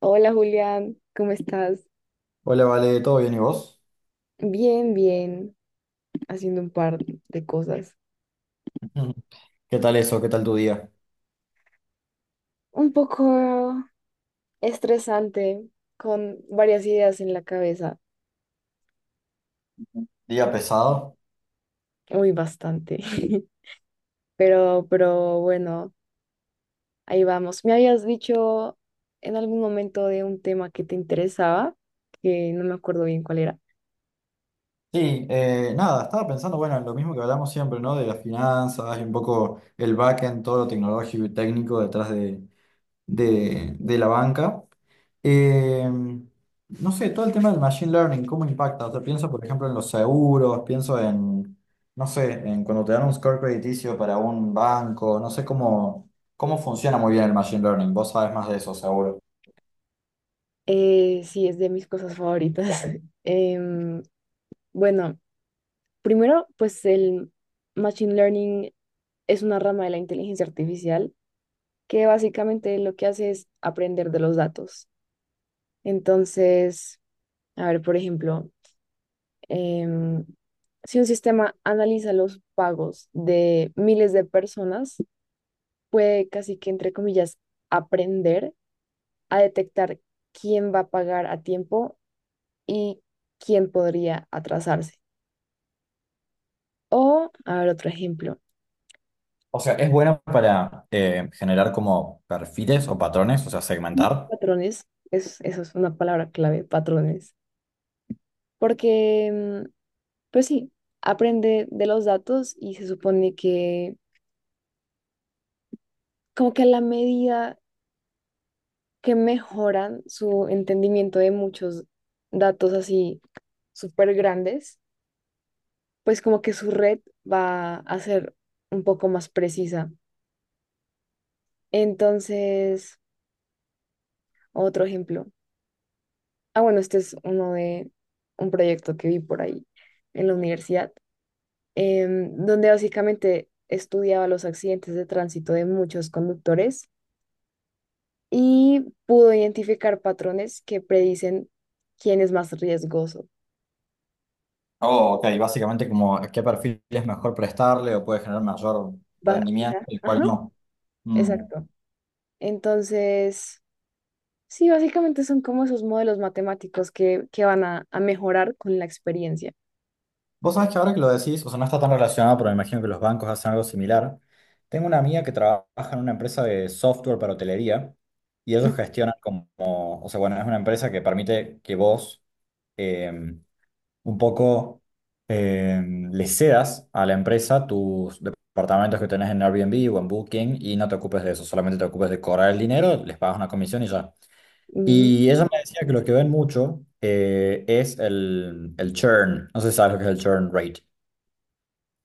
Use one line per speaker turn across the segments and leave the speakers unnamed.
Hola Julián, ¿cómo estás?
Hola, Vale, ¿todo bien y vos?
Bien, bien, haciendo un par de cosas.
Ujú. ¿Qué tal eso? ¿Qué tal tu día?
Un poco estresante, con varias ideas en la cabeza,
¿Día pesado?
muy bastante. Pero bueno, ahí vamos. Me habías dicho en algún momento de un tema que te interesaba, que no me acuerdo bien cuál era.
Sí, nada, estaba pensando, bueno, en lo mismo que hablamos siempre, ¿no? De las finanzas y un poco el backend, todo lo tecnológico y técnico detrás de la banca. Eh, no sé, todo el tema del machine learning, ¿cómo impacta? O sea, pienso, por ejemplo, en los seguros, pienso no sé, en cuando te dan un score crediticio para un banco, no sé cómo funciona muy bien el machine learning, vos sabes más de eso, seguro.
Sí, es de mis cosas favoritas. Em, bueno, primero, pues el Machine Learning es una rama de la inteligencia artificial que básicamente lo que hace es aprender de los datos. Entonces, a ver, por ejemplo, em, si un sistema analiza los pagos de miles de personas, puede casi que, entre comillas, aprender a detectar quién va a pagar a tiempo y quién podría atrasarse. O, a ver, otro ejemplo.
O sea, es buena para generar como perfiles o patrones, o sea,
Sí,
segmentar.
patrones, eso es una palabra clave, patrones, porque pues sí, aprende de los datos y se supone que como que a la medida que mejoran su entendimiento de muchos datos así súper grandes, pues como que su red va a ser un poco más precisa. Entonces, otro ejemplo. Ah, bueno, este es uno de un proyecto que vi por ahí en la universidad, donde básicamente estudiaba los accidentes de tránsito de muchos conductores y pudo identificar patrones que predicen quién es más riesgoso.
Oh, ok, básicamente como a qué perfil es mejor prestarle o puede generar mayor rendimiento y cuál
Ajá,
no. Mm.
exacto. Entonces, sí, básicamente son como esos modelos matemáticos que van a mejorar con la experiencia.
Vos sabés que ahora que lo decís, o sea, no está tan relacionado, pero me imagino que los bancos hacen algo similar. Tengo una amiga que trabaja en una empresa de software para hotelería y ellos gestionan como, o sea, bueno, es una empresa que permite que vos... em, un poco eh, le cedas a la empresa tus departamentos que tenés en Airbnb o en Booking y no te ocupes de eso, solamente te ocupes de cobrar el dinero, les pagas una comisión y ya.
Mm,
Y ella me decía que lo que ven mucho es el churn, no sé si sabes lo que es el churn rate.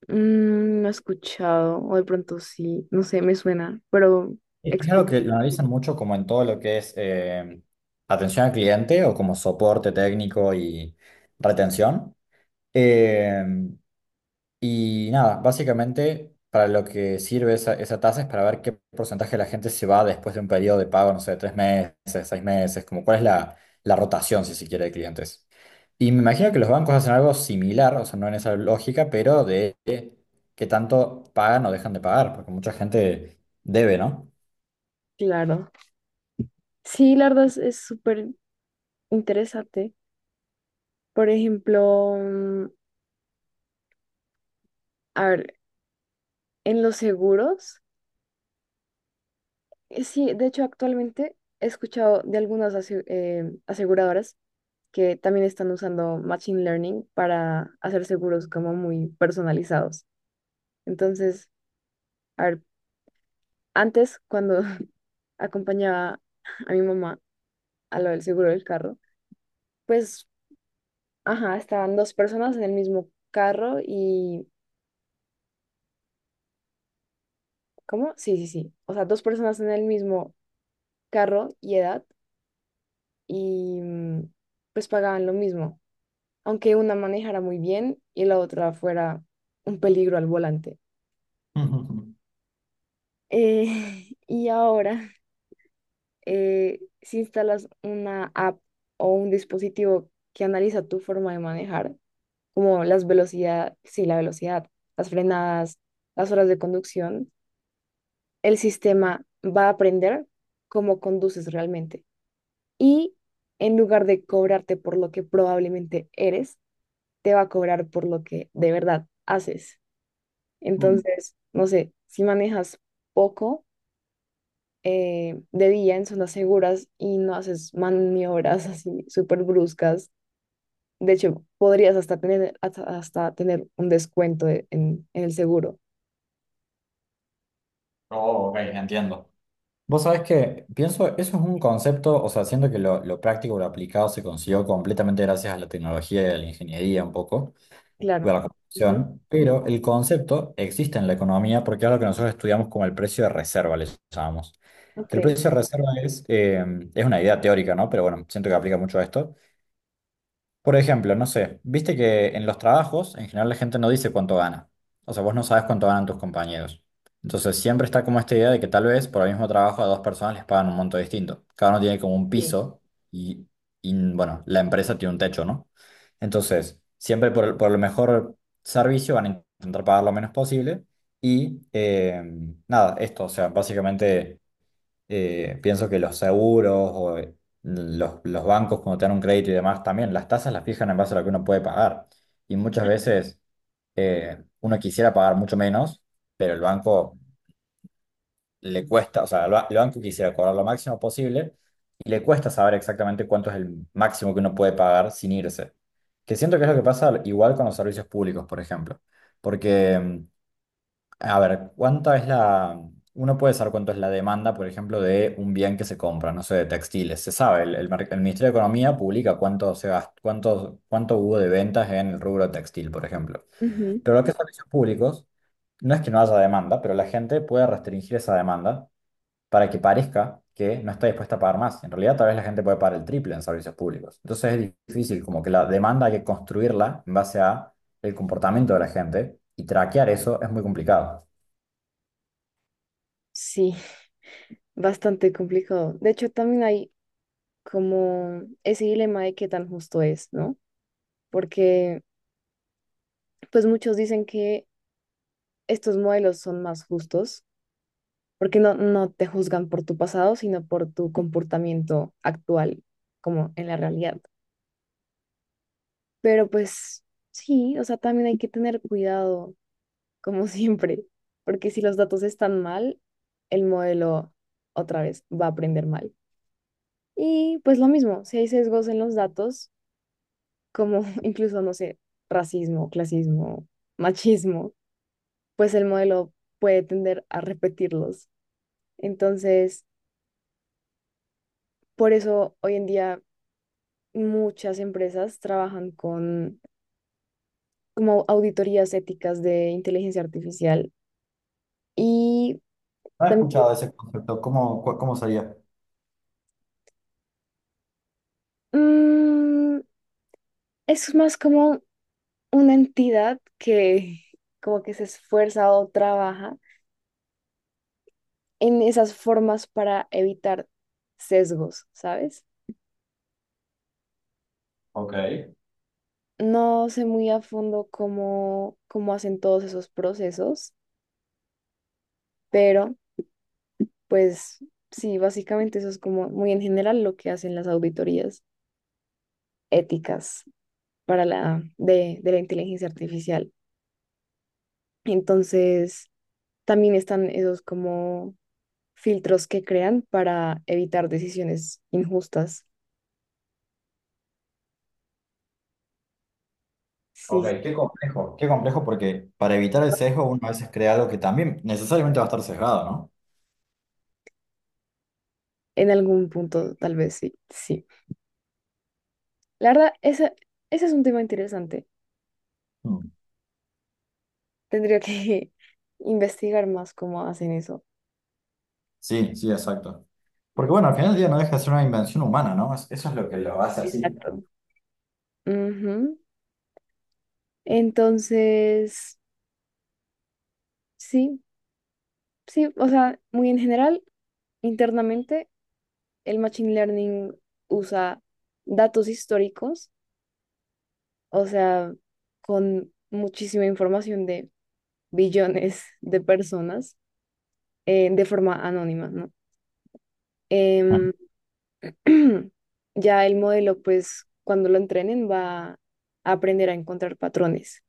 mm, no he escuchado, o de pronto sí, no sé, me suena, pero
Es algo
explico.
que lo analizan mucho como en todo lo que es atención al cliente o como soporte técnico y retención. Eh, Y nada, básicamente para lo que sirve esa tasa es para ver qué porcentaje de la gente se va después de un periodo de pago, no sé, de tres meses, seis meses, como cuál es la rotación, si se quiere, de clientes. Y me imagino que los bancos hacen algo similar, o sea, no en esa lógica, pero de qué tanto pagan o dejan de pagar, porque mucha gente debe, ¿no?
Claro. Sí, la verdad es súper interesante. Por ejemplo, a ver, en los seguros. Sí, de hecho actualmente he escuchado de algunas aseguradoras que también están usando Machine Learning para hacer seguros como muy personalizados. Entonces, a ver, antes cuando acompañaba a mi mamá a lo del seguro del carro, pues, ajá, estaban dos personas en el mismo carro y, ¿cómo? Sí, sí, sí. O sea, dos personas en el mismo carro y edad y pues pagaban lo mismo, aunque una manejara muy bien y la otra fuera un peligro al volante.
Ujú.
Y ahora, si instalas una app o un dispositivo que analiza tu forma de manejar, como las velocidades, sí, la velocidad, las frenadas, las horas de conducción, el sistema va a aprender cómo conduces realmente. Y en lugar de cobrarte por lo que probablemente eres, te va a cobrar por lo que de verdad haces.
Mm.
Entonces, no sé, si manejas poco de día en zonas seguras y no haces maniobras así súper bruscas, de hecho, podrías hasta tener, hasta, hasta tener un en el seguro.
Oh, ok, entiendo. Vos sabés que pienso, eso es un concepto, o sea, siento que lo práctico, lo aplicado se consiguió completamente gracias a la tecnología y a la ingeniería un poco, o a
Claro.
la
Ujú.
computación, pero el concepto existe en la economía porque es algo que nosotros estudiamos como el precio de reserva, le llamamos.
Ok.
Que el precio de reserva es una idea teórica, ¿no? Pero bueno, siento que aplica mucho a esto. Por ejemplo, no sé, viste que en los trabajos en general la gente no dice cuánto gana. O sea, vos no sabes cuánto ganan tus compañeros. Entonces siempre está como esta idea de que tal vez por el mismo trabajo a dos personas les pagan un monto distinto. Cada uno tiene como un
Sí.
piso y, y, bueno, la empresa tiene un techo, ¿no? Entonces, siempre por el mejor servicio van a intentar pagar lo menos posible. Y nada, esto, o sea, básicamente pienso que los seguros o los bancos cuando te dan un crédito y demás también, las tasas las fijan en base a lo que uno puede pagar. Y muchas veces uno quisiera pagar mucho menos, pero el banco le cuesta, o sea, el banco quisiera cobrar lo máximo posible y le cuesta saber exactamente cuánto es el máximo que uno puede pagar sin irse. Que siento que es lo que pasa igual con los servicios públicos, por ejemplo. Porque a ver, ¿cuánta es la... Uno puede saber cuánto es la demanda, por ejemplo, de un bien que se compra, no sé, de textiles. Se sabe, el Ministerio de Economía publica cuánto se cuánto hubo de ventas en el rubro textil, por ejemplo.
Ujú.
Pero lo que es servicios públicos, no es que no haya demanda, pero la gente puede restringir esa demanda para que parezca que no está dispuesta a pagar más. En realidad, tal vez la gente puede pagar el triple en servicios públicos. Entonces es difícil, como que la demanda hay que construirla en base a el comportamiento de la gente y traquear eso es muy complicado.
Sí, bastante complicado. De hecho, también hay como ese dilema de qué tan justo es, ¿no? Porque pues muchos dicen que estos modelos son más justos porque no te juzgan por tu pasado, sino por tu comportamiento actual, como en la realidad. Pero pues sí, o sea, también hay que tener cuidado, como siempre, porque si los datos están mal, el modelo otra vez va a aprender mal. Y pues lo mismo, si hay sesgos en los datos, como incluso, no sé, racismo, clasismo, machismo, pues el modelo puede tender a repetirlos. Entonces, por eso hoy en día muchas empresas trabajan con como auditorías éticas de inteligencia artificial y
No he
también
escuchado ese concepto. ¿Cómo, cómo sería?
mm, es más como una entidad que como que se esfuerza o trabaja en esas formas para evitar sesgos, ¿sabes?
Ok,
No sé muy a fondo cómo hacen todos esos procesos, pero pues sí, básicamente eso es como muy en general lo que hacen las auditorías éticas, para la de la inteligencia artificial. Entonces, también están esos como filtros que crean para evitar decisiones injustas.
ok,
Sí,
qué complejo. Qué complejo porque para evitar el sesgo uno a veces crea algo que también necesariamente va a estar sesgado,
en algún punto tal vez sí, sí. La verdad, ese es un tema interesante.
¿no? Mm.
Tendría que investigar más cómo hacen eso.
Sí, sí, exacto. Porque bueno, al final del día no deja de ser una invención humana, ¿no? Es- Eso es lo que lo hace así.
Exacto. Ujú. Entonces, sí, sí, o sea, muy en general, internamente el Machine Learning usa datos históricos, o sea, con muchísima información de billones de personas de forma anónima, ¿no? Em, ya el modelo, pues, cuando lo entrenen, va a aprender a encontrar patrones.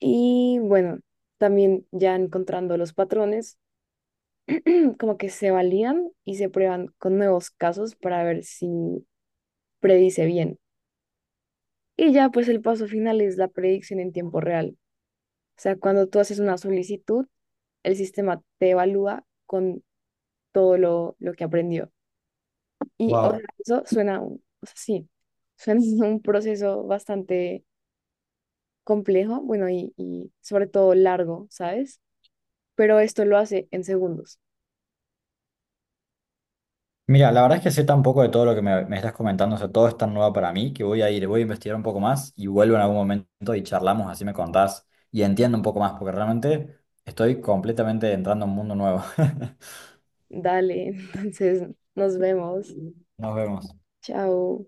Y bueno, también ya encontrando los patrones, como que se valían y se prueban con nuevos casos para ver si predice bien. Y ya pues el paso final es la predicción en tiempo real. O sea, cuando tú haces una solicitud, el sistema te evalúa con todo lo que aprendió. Y o sea,
Wow.
eso suena, o sea, sí, suena un proceso bastante complejo, bueno, y sobre todo largo, ¿sabes? Pero esto lo hace en segundos.
Mira, la verdad es que sé tan poco de todo lo que me estás comentando, o sea, todo es tan nuevo para mí que voy a ir, voy a investigar un poco más y vuelvo en algún momento y charlamos, así me contás y entiendo un poco más, porque realmente estoy completamente entrando a un mundo nuevo.
Dale, entonces nos vemos.
Nos vemos.
Chao.